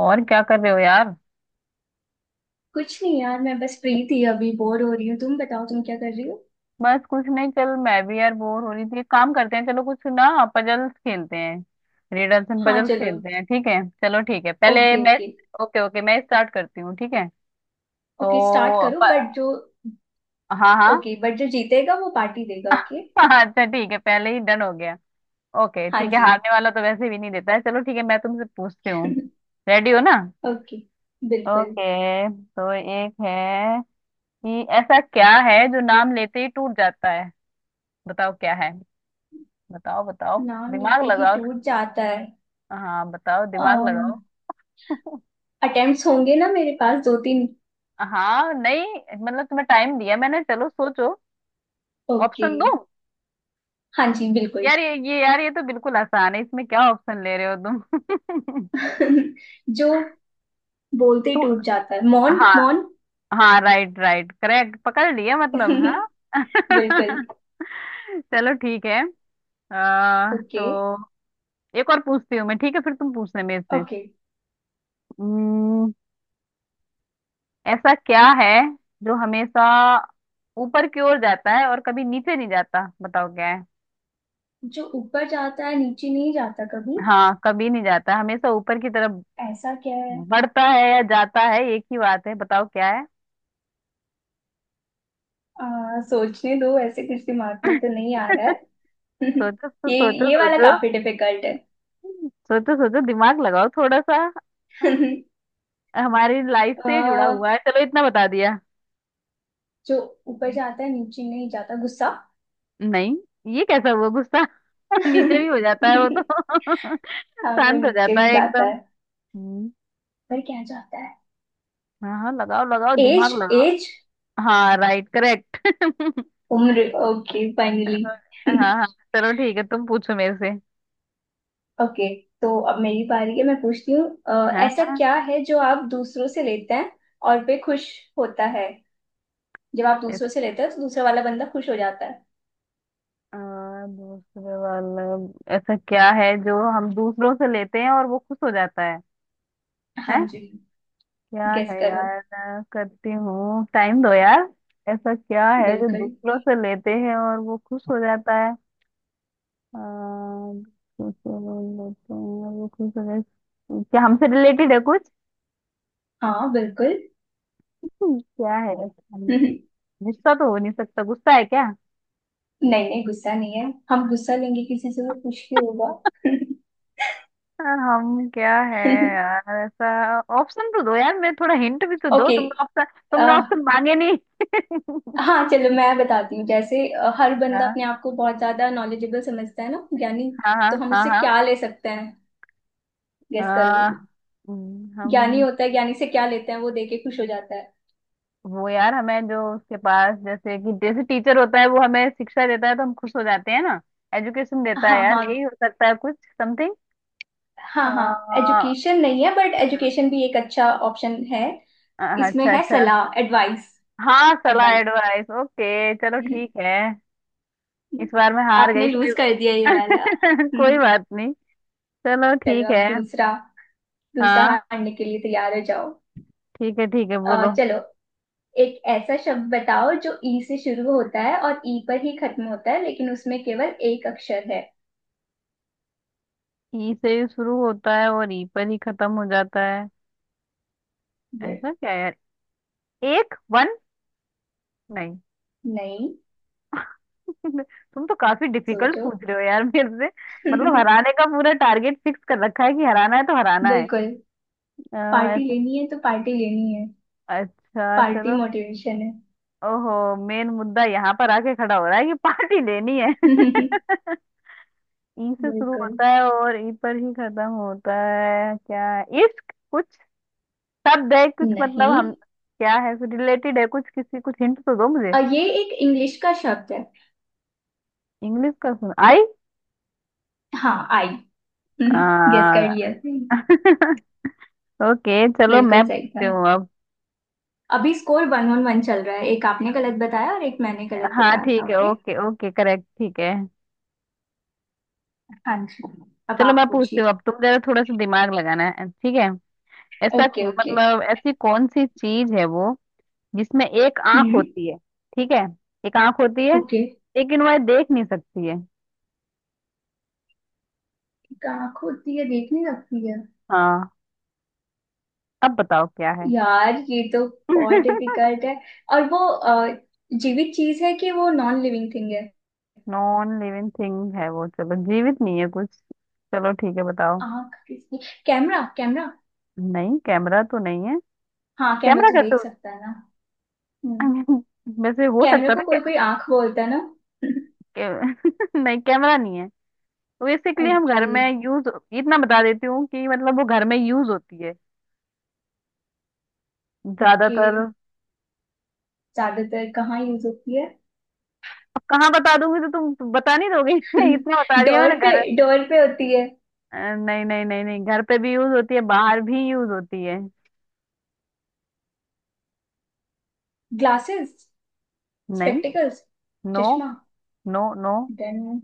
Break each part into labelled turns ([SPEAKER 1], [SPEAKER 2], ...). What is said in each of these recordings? [SPEAKER 1] और क्या कर रहे हो यार।
[SPEAKER 2] कुछ नहीं यार। मैं बस फ्री थी, अभी बोर हो रही हूँ। तुम बताओ, तुम क्या कर रही हो?
[SPEAKER 1] बस कुछ नहीं, चल मैं भी यार बोर हो रही थी। एक काम करते हैं, चलो कुछ ना पजल्स खेलते हैं। रिडल्स एंड
[SPEAKER 2] हाँ
[SPEAKER 1] पजल्स
[SPEAKER 2] चलो।
[SPEAKER 1] खेलते हैं। ठीक है चलो, ठीक है पहले
[SPEAKER 2] ओके
[SPEAKER 1] मैं।
[SPEAKER 2] ओके।
[SPEAKER 1] ओके ओके, मैं स्टार्ट करती हूँ ठीक है।
[SPEAKER 2] ओके स्टार्ट
[SPEAKER 1] तो
[SPEAKER 2] करो,
[SPEAKER 1] प,
[SPEAKER 2] बट जो—
[SPEAKER 1] हाँ हाँ।
[SPEAKER 2] ओके, बट जो जीतेगा वो पार्टी देगा, ओके?
[SPEAKER 1] अच्छा ठीक है, पहले ही डन हो गया। ओके
[SPEAKER 2] हाँ
[SPEAKER 1] ठीक है,
[SPEAKER 2] जी।
[SPEAKER 1] हारने वाला तो वैसे भी नहीं देता है। चलो ठीक है, मैं तुमसे पूछती हूँ। रेडी हो ना।
[SPEAKER 2] ओके। बिल्कुल।
[SPEAKER 1] ओके तो एक है कि ऐसा क्या है जो नाम लेते ही टूट जाता है। बताओ क्या है। बताओ बताओ।
[SPEAKER 2] नाम
[SPEAKER 1] दिमाग
[SPEAKER 2] लेते ही
[SPEAKER 1] लगाओ।
[SPEAKER 2] टूट जाता है?
[SPEAKER 1] हाँ बताओ दिमाग लगाओ।
[SPEAKER 2] अटेम्प्ट्स होंगे ना मेरे पास, दो तीन?
[SPEAKER 1] हाँ नहीं, मतलब तुम्हें टाइम दिया मैंने, चलो सोचो।
[SPEAKER 2] ओके।
[SPEAKER 1] ऑप्शन दो।
[SPEAKER 2] हाँ जी, बिल्कुल।
[SPEAKER 1] यार ये यार, ये तो बिल्कुल आसान है, इसमें क्या ऑप्शन ले रहे हो तुम।
[SPEAKER 2] जो बोलते ही
[SPEAKER 1] तू।
[SPEAKER 2] टूट जाता है— मौन
[SPEAKER 1] हाँ।
[SPEAKER 2] मौन।
[SPEAKER 1] हाँ राइट राइट करेक्ट पकड़ लिया, मतलब हाँ।
[SPEAKER 2] बिल्कुल।
[SPEAKER 1] चलो ठीक है। तो
[SPEAKER 2] ओके
[SPEAKER 1] एक और पूछती हूँ मैं ठीक है, फिर तुम पूछना मेरे
[SPEAKER 2] ओके।
[SPEAKER 1] से। ऐसा क्या है जो हमेशा ऊपर की ओर जाता है और कभी नीचे नहीं जाता, बताओ क्या है।
[SPEAKER 2] जो ऊपर जाता है नीचे नहीं जाता कभी?
[SPEAKER 1] हाँ कभी नहीं जाता, हमेशा ऊपर की तरफ
[SPEAKER 2] ऐसा क्या है?
[SPEAKER 1] बढ़ता है या जाता है एक ही बात है, बताओ क्या है।
[SPEAKER 2] सोचने दो, ऐसे कुछ दिमाग में तो नहीं आ रहा है।
[SPEAKER 1] सोचो
[SPEAKER 2] ये
[SPEAKER 1] सोचो
[SPEAKER 2] ये वाला
[SPEAKER 1] सोचो।
[SPEAKER 2] काफी डिफिकल्ट है।
[SPEAKER 1] सोचो सोचो दिमाग लगाओ थोड़ा सा। हमारी लाइफ
[SPEAKER 2] आ,
[SPEAKER 1] से जुड़ा हुआ है, चलो इतना बता दिया।
[SPEAKER 2] जो ऊपर जाता है नीचे नहीं जाता— गुस्सा।
[SPEAKER 1] नहीं, ये कैसा हुआ गुस्सा। नीचे भी हो जाता है वो तो।
[SPEAKER 2] हाँ वो
[SPEAKER 1] शांत हो
[SPEAKER 2] नीचे
[SPEAKER 1] जाता
[SPEAKER 2] भी
[SPEAKER 1] है
[SPEAKER 2] जाता
[SPEAKER 1] एकदम।
[SPEAKER 2] है।
[SPEAKER 1] हम्म,
[SPEAKER 2] पर क्या जाता है?
[SPEAKER 1] हाँ हाँ लगाओ लगाओ
[SPEAKER 2] एज
[SPEAKER 1] दिमाग लगाओ।
[SPEAKER 2] एज,
[SPEAKER 1] हाँ राइट करेक्ट।
[SPEAKER 2] उम्र। Okay finally.
[SPEAKER 1] हाँ हाँ। चलो ठीक है, तुम पूछो मेरे से।
[SPEAKER 2] ओके, तो अब मेरी बारी है, मैं पूछती हूँ।
[SPEAKER 1] हाँ
[SPEAKER 2] ऐसा
[SPEAKER 1] हाँ।
[SPEAKER 2] क्या है जो आप दूसरों से लेते हैं और पे खुश होता है? जब आप
[SPEAKER 1] इस-
[SPEAKER 2] दूसरों से लेते हो तो दूसरा वाला बंदा खुश हो जाता है।
[SPEAKER 1] आ, दूसरे वाला, ऐसा क्या है जो हम दूसरों से लेते हैं और वो खुश हो जाता है।
[SPEAKER 2] हाँ
[SPEAKER 1] हैं,
[SPEAKER 2] जी।
[SPEAKER 1] क्या
[SPEAKER 2] गेस
[SPEAKER 1] है
[SPEAKER 2] करो।
[SPEAKER 1] यार, करती हूँ टाइम दो यार। ऐसा क्या है जो
[SPEAKER 2] बिल्कुल।
[SPEAKER 1] दूसरों से लेते हैं और वो खुश हो जाता है दूसरों से लेते हैं और वो खुश हो जाता है। क्या हमसे रिलेटेड है कुछ।
[SPEAKER 2] हाँ बिल्कुल।
[SPEAKER 1] क्या है ऐसा?
[SPEAKER 2] नहीं।
[SPEAKER 1] गुस्सा तो हो नहीं सकता, गुस्सा है क्या।
[SPEAKER 2] नहीं, गुस्सा नहीं है। हम गुस्सा लेंगे किसी से वो कुछ भी होगा।
[SPEAKER 1] हम क्या है यार, ऐसा ऑप्शन तो दो यार, मैं थोड़ा हिंट भी तो दो।
[SPEAKER 2] ओके।
[SPEAKER 1] तुमने ऑप्शन मांगे नहीं।
[SPEAKER 2] हाँ चलो, मैं बताती हूँ। जैसे हर बंदा
[SPEAKER 1] हाँ
[SPEAKER 2] अपने आप को बहुत ज्यादा नॉलेजेबल समझता है ना, ज्ञानी।
[SPEAKER 1] हाँ।
[SPEAKER 2] तो हम
[SPEAKER 1] हाँ
[SPEAKER 2] उससे
[SPEAKER 1] हाँ।
[SPEAKER 2] क्या ले सकते हैं? गेस करो।
[SPEAKER 1] हाँ
[SPEAKER 2] ज्ञानी
[SPEAKER 1] हम।
[SPEAKER 2] होता है, ज्ञानी से क्या लेते हैं वो देके खुश हो जाता है?
[SPEAKER 1] वो यार हमें जो उसके पास, जैसे कि जैसे टीचर होता है वो हमें शिक्षा देता है तो हम खुश हो जाते हैं ना। एजुकेशन देता है
[SPEAKER 2] हाँ
[SPEAKER 1] यार,
[SPEAKER 2] हाँ।
[SPEAKER 1] यही हो सकता है कुछ समथिंग।
[SPEAKER 2] हाँ हाँ,
[SPEAKER 1] अच्छा।
[SPEAKER 2] एजुकेशन नहीं है, बट एजुकेशन भी एक अच्छा ऑप्शन है। इसमें
[SPEAKER 1] अच्छा,
[SPEAKER 2] है सलाह, एडवाइस।
[SPEAKER 1] हाँ सलाह
[SPEAKER 2] एडवाइस।
[SPEAKER 1] एडवाइस ओके, चलो ठीक है। इस बार मैं हार
[SPEAKER 2] आपने
[SPEAKER 1] गई, कोई।
[SPEAKER 2] लूज कर दिया ये वाला।
[SPEAKER 1] कोई बात नहीं। चलो
[SPEAKER 2] चलो,
[SPEAKER 1] ठीक
[SPEAKER 2] अब
[SPEAKER 1] है।
[SPEAKER 2] दूसरा। दूसरा
[SPEAKER 1] हाँ
[SPEAKER 2] हारने के लिए तैयार हो जाओ।
[SPEAKER 1] ठीक है, ठीक है बोलो।
[SPEAKER 2] चलो, एक ऐसा शब्द बताओ जो ई से शुरू होता है और ई पर ही खत्म होता है, लेकिन उसमें केवल एक अक्षर है।
[SPEAKER 1] ई से ही शुरू होता है और ई पर ही खत्म हो जाता है।
[SPEAKER 2] ये
[SPEAKER 1] ऐसा क्या यार, एक वन। नहीं।
[SPEAKER 2] नहीं।
[SPEAKER 1] तुम तो काफी डिफिकल्ट
[SPEAKER 2] सोचो।
[SPEAKER 1] पूछ रहे हो यार मेरे से। मतलब हराने का पूरा टारगेट फिक्स कर रखा है, कि हराना है तो हराना है।
[SPEAKER 2] बिल्कुल।
[SPEAKER 1] अ,
[SPEAKER 2] पार्टी
[SPEAKER 1] ऐसा।
[SPEAKER 2] लेनी है तो पार्टी लेनी है।
[SPEAKER 1] अच्छा
[SPEAKER 2] पार्टी
[SPEAKER 1] चलो।
[SPEAKER 2] मोटिवेशन है।
[SPEAKER 1] ओहो, मेन मुद्दा यहाँ पर आके खड़ा हो रहा है कि पार्टी लेनी है। ई से शुरू
[SPEAKER 2] बिल्कुल
[SPEAKER 1] होता है और ई पर ही खत्म होता है, क्या इश्क कुछ। सब देख कुछ, मतलब
[SPEAKER 2] नहीं।
[SPEAKER 1] हम क्या है कुछ रिलेटेड है कुछ किसी, कुछ हिंट तो दो मुझे।
[SPEAKER 2] ये एक इंग्लिश का शब्द है।
[SPEAKER 1] इंग्लिश का, सुन आई।
[SPEAKER 2] हाँ, आई। गेस कर
[SPEAKER 1] आ,
[SPEAKER 2] लिया।
[SPEAKER 1] ओके चलो
[SPEAKER 2] बिल्कुल
[SPEAKER 1] मैं
[SPEAKER 2] सही था।
[SPEAKER 1] पूछती हूँ अब।
[SPEAKER 2] अभी स्कोर 1-1 चल रहा है। एक आपने गलत बताया और एक मैंने गलत
[SPEAKER 1] हाँ
[SPEAKER 2] बताया था,
[SPEAKER 1] ठीक है
[SPEAKER 2] ओके?
[SPEAKER 1] ओके ओके करेक्ट ठीक है।
[SPEAKER 2] हाँ जी। अब
[SPEAKER 1] चलो
[SPEAKER 2] आप
[SPEAKER 1] मैं पूछती हूँ
[SPEAKER 2] पूछिए।
[SPEAKER 1] अब, तुम जरा थोड़ा सा दिमाग लगाना है ठीक है। ऐसा,
[SPEAKER 2] ओके ओके।
[SPEAKER 1] मतलब ऐसी कौन सी चीज है वो जिसमें एक आंख
[SPEAKER 2] हम्म।
[SPEAKER 1] होती है। ठीक है, एक आंख होती है
[SPEAKER 2] ओके।
[SPEAKER 1] लेकिन वह देख नहीं सकती है।
[SPEAKER 2] आंख होती है, देख नहीं सकती है?
[SPEAKER 1] हाँ। अब बताओ क्या है।
[SPEAKER 2] यार ये तो बहुत डिफिकल्ट है। और वो जीवित चीज है कि वो नॉन लिविंग थिंग है?
[SPEAKER 1] नॉन लिविंग थिंग है वो, चलो जीवित नहीं है कुछ। चलो ठीक है, बताओ।
[SPEAKER 2] आंख किसकी? Camera, camera.
[SPEAKER 1] नहीं, कैमरा तो नहीं है।
[SPEAKER 2] हाँ कैमरा
[SPEAKER 1] कैमरा
[SPEAKER 2] तो
[SPEAKER 1] कैसे।
[SPEAKER 2] देख सकता है ना। हम्म।
[SPEAKER 1] हो- वैसे हो
[SPEAKER 2] कैमरे
[SPEAKER 1] सकता था
[SPEAKER 2] को कोई कोई आंख बोलता है ना।
[SPEAKER 1] नहीं कैमरा नहीं है। तो बेसिकली हम
[SPEAKER 2] ओके
[SPEAKER 1] घर में यूज, इतना बता देती हूँ कि मतलब वो घर में यूज होती है
[SPEAKER 2] ओके।
[SPEAKER 1] ज्यादातर।
[SPEAKER 2] ज्यादातर कहाँ यूज होती है?
[SPEAKER 1] अब कहाँ बता दूंगी तो तुम बता नहीं दोगे। इतना बता दिया
[SPEAKER 2] डोर
[SPEAKER 1] मैंने,
[SPEAKER 2] पे,
[SPEAKER 1] घर।
[SPEAKER 2] डोर पे होती है।
[SPEAKER 1] नहीं नहीं नहीं नहीं, घर पे भी यूज होती है, बाहर भी यूज होती है।
[SPEAKER 2] ग्लासेस।
[SPEAKER 1] नहीं।
[SPEAKER 2] स्पेक्टिकल्स।
[SPEAKER 1] नो
[SPEAKER 2] चश्मा।
[SPEAKER 1] नो। No,
[SPEAKER 2] then?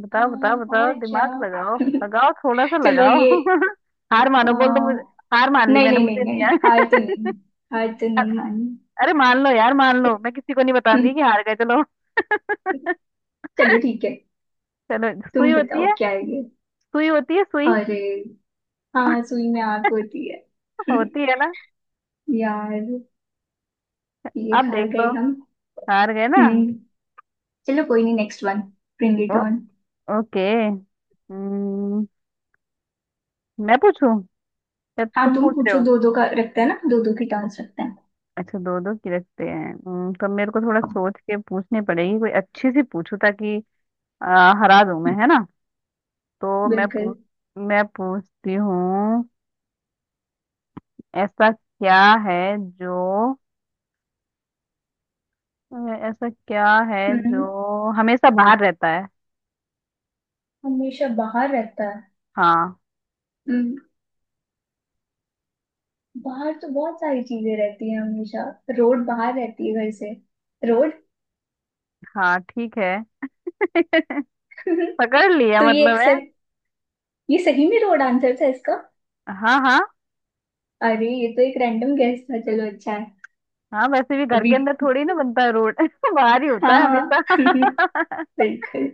[SPEAKER 1] बताओ बताओ बताओ
[SPEAKER 2] और क्या?
[SPEAKER 1] दिमाग लगाओ लगाओ थोड़ा सा
[SPEAKER 2] चलो
[SPEAKER 1] लगाओ।
[SPEAKER 2] ये—
[SPEAKER 1] हार मानो बोल दो मुझे।
[SPEAKER 2] अ,
[SPEAKER 1] हार मान ली
[SPEAKER 2] नहीं
[SPEAKER 1] मैंने,
[SPEAKER 2] नहीं नहीं
[SPEAKER 1] मुझे नहीं
[SPEAKER 2] नहीं।
[SPEAKER 1] आया।
[SPEAKER 2] हार तो नहीं मानी।
[SPEAKER 1] अरे मान लो यार, मान लो, मैं किसी को नहीं बताऊंगी कि हार गए, चलो।
[SPEAKER 2] चलो ठीक है।
[SPEAKER 1] चलो सुई
[SPEAKER 2] तुम
[SPEAKER 1] होती
[SPEAKER 2] बताओ
[SPEAKER 1] है।
[SPEAKER 2] क्या है ये?
[SPEAKER 1] सुई होती है सुई।
[SPEAKER 2] अरे, हाँ सुई में आग होती है।
[SPEAKER 1] होती है ना।
[SPEAKER 2] यार, ये
[SPEAKER 1] आप
[SPEAKER 2] हार
[SPEAKER 1] देख लो,
[SPEAKER 2] गए हम।
[SPEAKER 1] हार गए ना।
[SPEAKER 2] हम्म। चलो कोई नहीं, नेक्स्ट वन। ब्रिंग
[SPEAKER 1] ओ,
[SPEAKER 2] इट ऑन।
[SPEAKER 1] ओके। हम्म, मैं पूछूं या
[SPEAKER 2] हाँ
[SPEAKER 1] तुम
[SPEAKER 2] तुम
[SPEAKER 1] पूछ रहे
[SPEAKER 2] पूछो,
[SPEAKER 1] हो।
[SPEAKER 2] दो दो का रखते हैं ना, दो दो की टांस रखते हैं।
[SPEAKER 1] अच्छा दो दो की रखते हैं। तो मेरे को थोड़ा सोच के पूछनी पड़ेगी, कोई अच्छी सी पूछूं ताकि हरा दूं मैं है ना। तो मैं
[SPEAKER 2] बिल्कुल।
[SPEAKER 1] पूछ, मैं पूछती हूँ। ऐसा क्या है जो, ऐसा क्या है
[SPEAKER 2] हम्म,
[SPEAKER 1] जो हमेशा बाहर रहता है।
[SPEAKER 2] हमेशा बाहर रहता है?
[SPEAKER 1] हाँ।
[SPEAKER 2] हम्म, बाहर तो बहुत सारी चीजें रहती हैं हमेशा। रोड बाहर रहती है घर से। रोड।
[SPEAKER 1] हाँ ठीक है। पकड़ लिया
[SPEAKER 2] तो ये
[SPEAKER 1] मतलब है।
[SPEAKER 2] एक्सेप्ट— ये सही में रोड आंसर था इसका?
[SPEAKER 1] हाँ हाँ।
[SPEAKER 2] अरे ये तो एक रैंडम गेस था, चलो अच्छा है।
[SPEAKER 1] हाँ वैसे भी घर
[SPEAKER 2] अभी
[SPEAKER 1] के अंदर थोड़ी ना बनता है रोड। बाहर ही होता
[SPEAKER 2] हाँ
[SPEAKER 1] है
[SPEAKER 2] हाँ।
[SPEAKER 1] हमेशा।
[SPEAKER 2] बिल्कुल।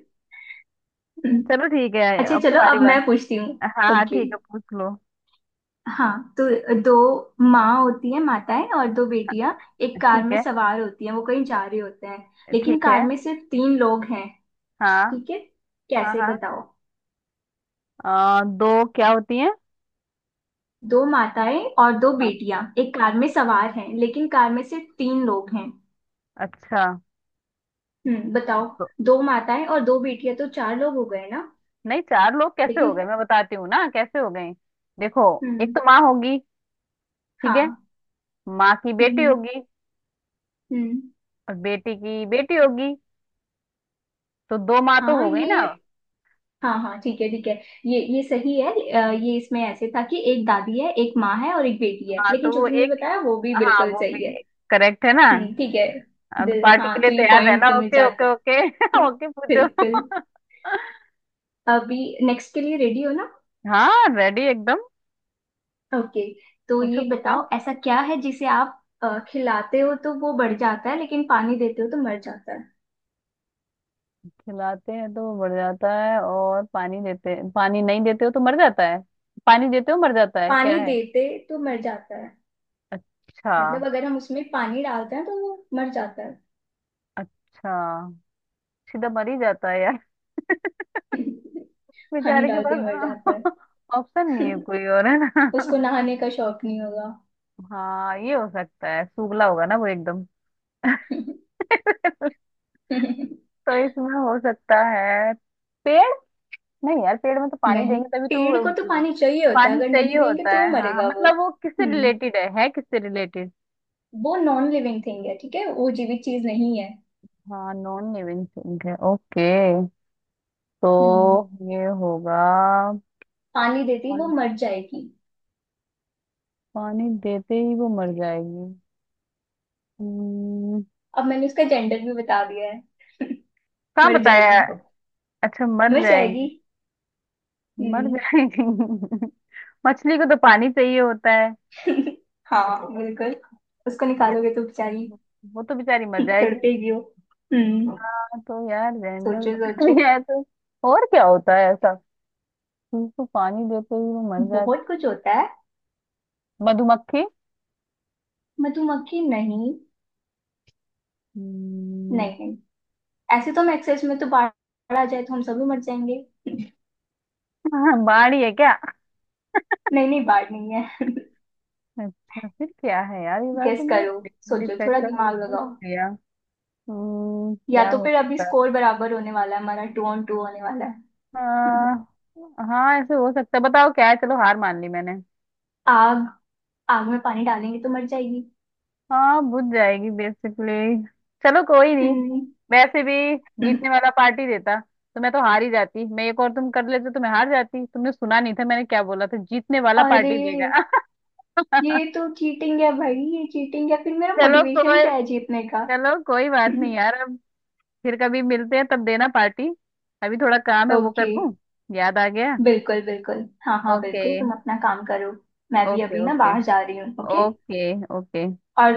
[SPEAKER 2] हम्म।
[SPEAKER 1] चलो ठीक है,
[SPEAKER 2] अच्छा
[SPEAKER 1] अब
[SPEAKER 2] चलो,
[SPEAKER 1] तुम्हारी
[SPEAKER 2] अब मैं
[SPEAKER 1] बात।
[SPEAKER 2] पूछती हूँ।
[SPEAKER 1] हाँ हाँ
[SPEAKER 2] ओके।
[SPEAKER 1] ठीक है, पूछ लो।
[SPEAKER 2] हाँ, तो दो माँ होती है— माताएं, और दो बेटियां एक कार
[SPEAKER 1] ठीक
[SPEAKER 2] में
[SPEAKER 1] है।
[SPEAKER 2] सवार होती हैं, वो कहीं जा रहे होते हैं। लेकिन
[SPEAKER 1] ठीक है।
[SPEAKER 2] कार में सिर्फ तीन लोग हैं।
[SPEAKER 1] हाँ
[SPEAKER 2] ठीक है,
[SPEAKER 1] हाँ।
[SPEAKER 2] कैसे?
[SPEAKER 1] हाँ
[SPEAKER 2] बताओ।
[SPEAKER 1] दो क्या होती है।
[SPEAKER 2] दो माताएं और दो
[SPEAKER 1] हाँ।
[SPEAKER 2] बेटियां एक कार में सवार हैं, लेकिन कार में सिर्फ तीन लोग हैं।
[SPEAKER 1] अच्छा,
[SPEAKER 2] हम्म, बताओ।
[SPEAKER 1] तो
[SPEAKER 2] दो माताएं और दो बेटियां तो चार लोग हो गए ना?
[SPEAKER 1] नहीं चार लोग कैसे हो
[SPEAKER 2] लेकिन—
[SPEAKER 1] गए, मैं बताती हूँ ना कैसे हो गए। देखो, एक
[SPEAKER 2] हम्म।
[SPEAKER 1] तो माँ होगी। ठीक है,
[SPEAKER 2] हाँ।
[SPEAKER 1] माँ की बेटी
[SPEAKER 2] हम्म।
[SPEAKER 1] होगी
[SPEAKER 2] हम्म,
[SPEAKER 1] और बेटी की बेटी होगी, तो दो माँ तो
[SPEAKER 2] हाँ
[SPEAKER 1] हो गई ना।
[SPEAKER 2] ये— हाँ हाँ, ठीक है ठीक है। ये सही है। ये इसमें ऐसे था कि एक दादी है, एक माँ है और एक बेटी है,
[SPEAKER 1] हाँ
[SPEAKER 2] लेकिन
[SPEAKER 1] तो
[SPEAKER 2] जो
[SPEAKER 1] वो
[SPEAKER 2] तुमने
[SPEAKER 1] एक,
[SPEAKER 2] बताया वो भी
[SPEAKER 1] हाँ
[SPEAKER 2] बिल्कुल
[SPEAKER 1] वो भी
[SPEAKER 2] सही है।
[SPEAKER 1] करेक्ट है ना।
[SPEAKER 2] हम्म, ठीक है।
[SPEAKER 1] हाँ, तो
[SPEAKER 2] दिल—
[SPEAKER 1] पार्टी के
[SPEAKER 2] हाँ
[SPEAKER 1] लिए
[SPEAKER 2] तो ये
[SPEAKER 1] तैयार
[SPEAKER 2] पॉइंट
[SPEAKER 1] रहना।
[SPEAKER 2] तुम्हें
[SPEAKER 1] ओके
[SPEAKER 2] जाता है।
[SPEAKER 1] Okay okay.
[SPEAKER 2] हम्म,
[SPEAKER 1] ओके पूछो।
[SPEAKER 2] बिल्कुल। अभी नेक्स्ट के लिए रेडी हो ना?
[SPEAKER 1] हाँ, रेडी एकदम।
[SPEAKER 2] ओके, तो
[SPEAKER 1] पूछो
[SPEAKER 2] ये
[SPEAKER 1] पूछो।
[SPEAKER 2] बताओ, ऐसा क्या है जिसे आप खिलाते हो तो वो बढ़ जाता है, लेकिन पानी देते हो तो मर जाता है?
[SPEAKER 1] खिलाते हैं तो वो बढ़ जाता है, और पानी देते, पानी नहीं देते हो तो मर जाता है। पानी देते हो मर जाता है क्या
[SPEAKER 2] पानी
[SPEAKER 1] है।
[SPEAKER 2] देते तो मर जाता है।
[SPEAKER 1] अच्छा।
[SPEAKER 2] मतलब अगर हम उसमें पानी डालते हैं तो वो मर जाता है।
[SPEAKER 1] अच्छा, सीधा मर ही जाता है यार।
[SPEAKER 2] पानी
[SPEAKER 1] बेचारे के
[SPEAKER 2] डालते ही मर
[SPEAKER 1] पास
[SPEAKER 2] जाता
[SPEAKER 1] ऑप्शन
[SPEAKER 2] है।
[SPEAKER 1] नहीं है कोई और, है ना।
[SPEAKER 2] उसको नहाने का शौक नहीं होगा।
[SPEAKER 1] हाँ ये हो सकता है, सूखला होगा ना वो एकदम। तो इसमें हो सकता है, पेड़। नहीं यार पेड़ में तो पानी
[SPEAKER 2] नहीं,
[SPEAKER 1] देंगे तभी तो
[SPEAKER 2] पेड़ को तो
[SPEAKER 1] वो
[SPEAKER 2] पानी चाहिए होता है,
[SPEAKER 1] पानी
[SPEAKER 2] अगर
[SPEAKER 1] चाहिए
[SPEAKER 2] नहीं देंगे
[SPEAKER 1] होता
[SPEAKER 2] तो वो
[SPEAKER 1] है। हाँ हाँ,
[SPEAKER 2] मरेगा वो।
[SPEAKER 1] मतलब वो किससे
[SPEAKER 2] हम्म।
[SPEAKER 1] रिलेटेड है किससे रिलेटेड।
[SPEAKER 2] वो नॉन लिविंग थिंग है, ठीक है, वो जीवित चीज नहीं है।
[SPEAKER 1] हाँ नॉन लिविंग थिंग है ओके।
[SPEAKER 2] हम्म।
[SPEAKER 1] तो ये होगा,
[SPEAKER 2] पानी देती वो
[SPEAKER 1] पान-
[SPEAKER 2] मर जाएगी।
[SPEAKER 1] पानी देते ही वो मर जाएगी। हम्म,
[SPEAKER 2] अब मैंने उसका जेंडर भी बता दिया है।
[SPEAKER 1] कहाँ
[SPEAKER 2] मर
[SPEAKER 1] बताया।
[SPEAKER 2] जाएगी।
[SPEAKER 1] अच्छा मर
[SPEAKER 2] मर जाएगी।
[SPEAKER 1] जाएगी। मर
[SPEAKER 2] हम्म।
[SPEAKER 1] जाएगी। मछली को तो पानी चाहिए होता है।
[SPEAKER 2] हाँ बिल्कुल। उसको
[SPEAKER 1] ये
[SPEAKER 2] निकालोगे तो बेचारी—
[SPEAKER 1] वो तो बेचारी मर जाएगी।
[SPEAKER 2] तड़पेगी वो। हम्म।
[SPEAKER 1] हाँ तो यार जनरल
[SPEAKER 2] सोचो
[SPEAKER 1] बता
[SPEAKER 2] सोचो।
[SPEAKER 1] दिया है तो और क्या होता है ऐसा। उसको पानी देते ही वो मर जाती,
[SPEAKER 2] बहुत कुछ होता है।
[SPEAKER 1] मधुमक्खी।
[SPEAKER 2] मधुमक्खी नहीं, नहीं
[SPEAKER 1] हम्म,
[SPEAKER 2] नहीं। ऐसे तो हम एक्सेस में तो बाढ़ आ जाए तो हम सभी मर जाएंगे।
[SPEAKER 1] हाँ, बाड़ी है क्या।
[SPEAKER 2] नहीं नहीं, बाढ़ नहीं है।
[SPEAKER 1] अच्छा फिर क्या है यार, ये बार
[SPEAKER 2] गेस
[SPEAKER 1] तुमने
[SPEAKER 2] करो, सोचो, थोड़ा
[SPEAKER 1] डिफिकल्ट
[SPEAKER 2] दिमाग
[SPEAKER 1] पूछ
[SPEAKER 2] लगाओ।
[SPEAKER 1] लिया।
[SPEAKER 2] या
[SPEAKER 1] क्या
[SPEAKER 2] तो
[SPEAKER 1] हो
[SPEAKER 2] फिर अभी
[SPEAKER 1] सकता है।
[SPEAKER 2] स्कोर बराबर होने वाला है, हमारा 2-2 होने वाला है।
[SPEAKER 1] हाँ ऐसे हो सकता है, बताओ क्या है, चलो हार मान ली मैंने।
[SPEAKER 2] आग। आग में पानी डालेंगे तो मर जाएगी।
[SPEAKER 1] हाँ बुझ जाएगी बेसिकली। चलो कोई नहीं,
[SPEAKER 2] हम्म।
[SPEAKER 1] वैसे भी जीतने वाला पार्टी देता तो मैं तो हार ही जाती, मैं एक और तुम कर लेते तो मैं हार जाती, तुमने सुना नहीं था मैंने क्या बोला था जीतने वाला
[SPEAKER 2] अरे,
[SPEAKER 1] पार्टी देगा।
[SPEAKER 2] ये तो चीटिंग है भाई, ये चीटिंग है। फिर मेरा
[SPEAKER 1] चलो
[SPEAKER 2] मोटिवेशन
[SPEAKER 1] कोई,
[SPEAKER 2] क्या है जीतने का?
[SPEAKER 1] चलो कोई बात नहीं यार, अब फिर कभी मिलते हैं तब देना पार्टी। अभी थोड़ा काम है वो कर
[SPEAKER 2] ओके।
[SPEAKER 1] लूं, याद आ गया।
[SPEAKER 2] बिल्कुल, बिल्कुल। हाँ हाँ
[SPEAKER 1] ओके
[SPEAKER 2] बिल्कुल, तुम अपना काम करो। मैं भी
[SPEAKER 1] ओके
[SPEAKER 2] अभी ना
[SPEAKER 1] ओके।
[SPEAKER 2] बाहर जा रही हूँ, ओके।
[SPEAKER 1] Okay okay.
[SPEAKER 2] और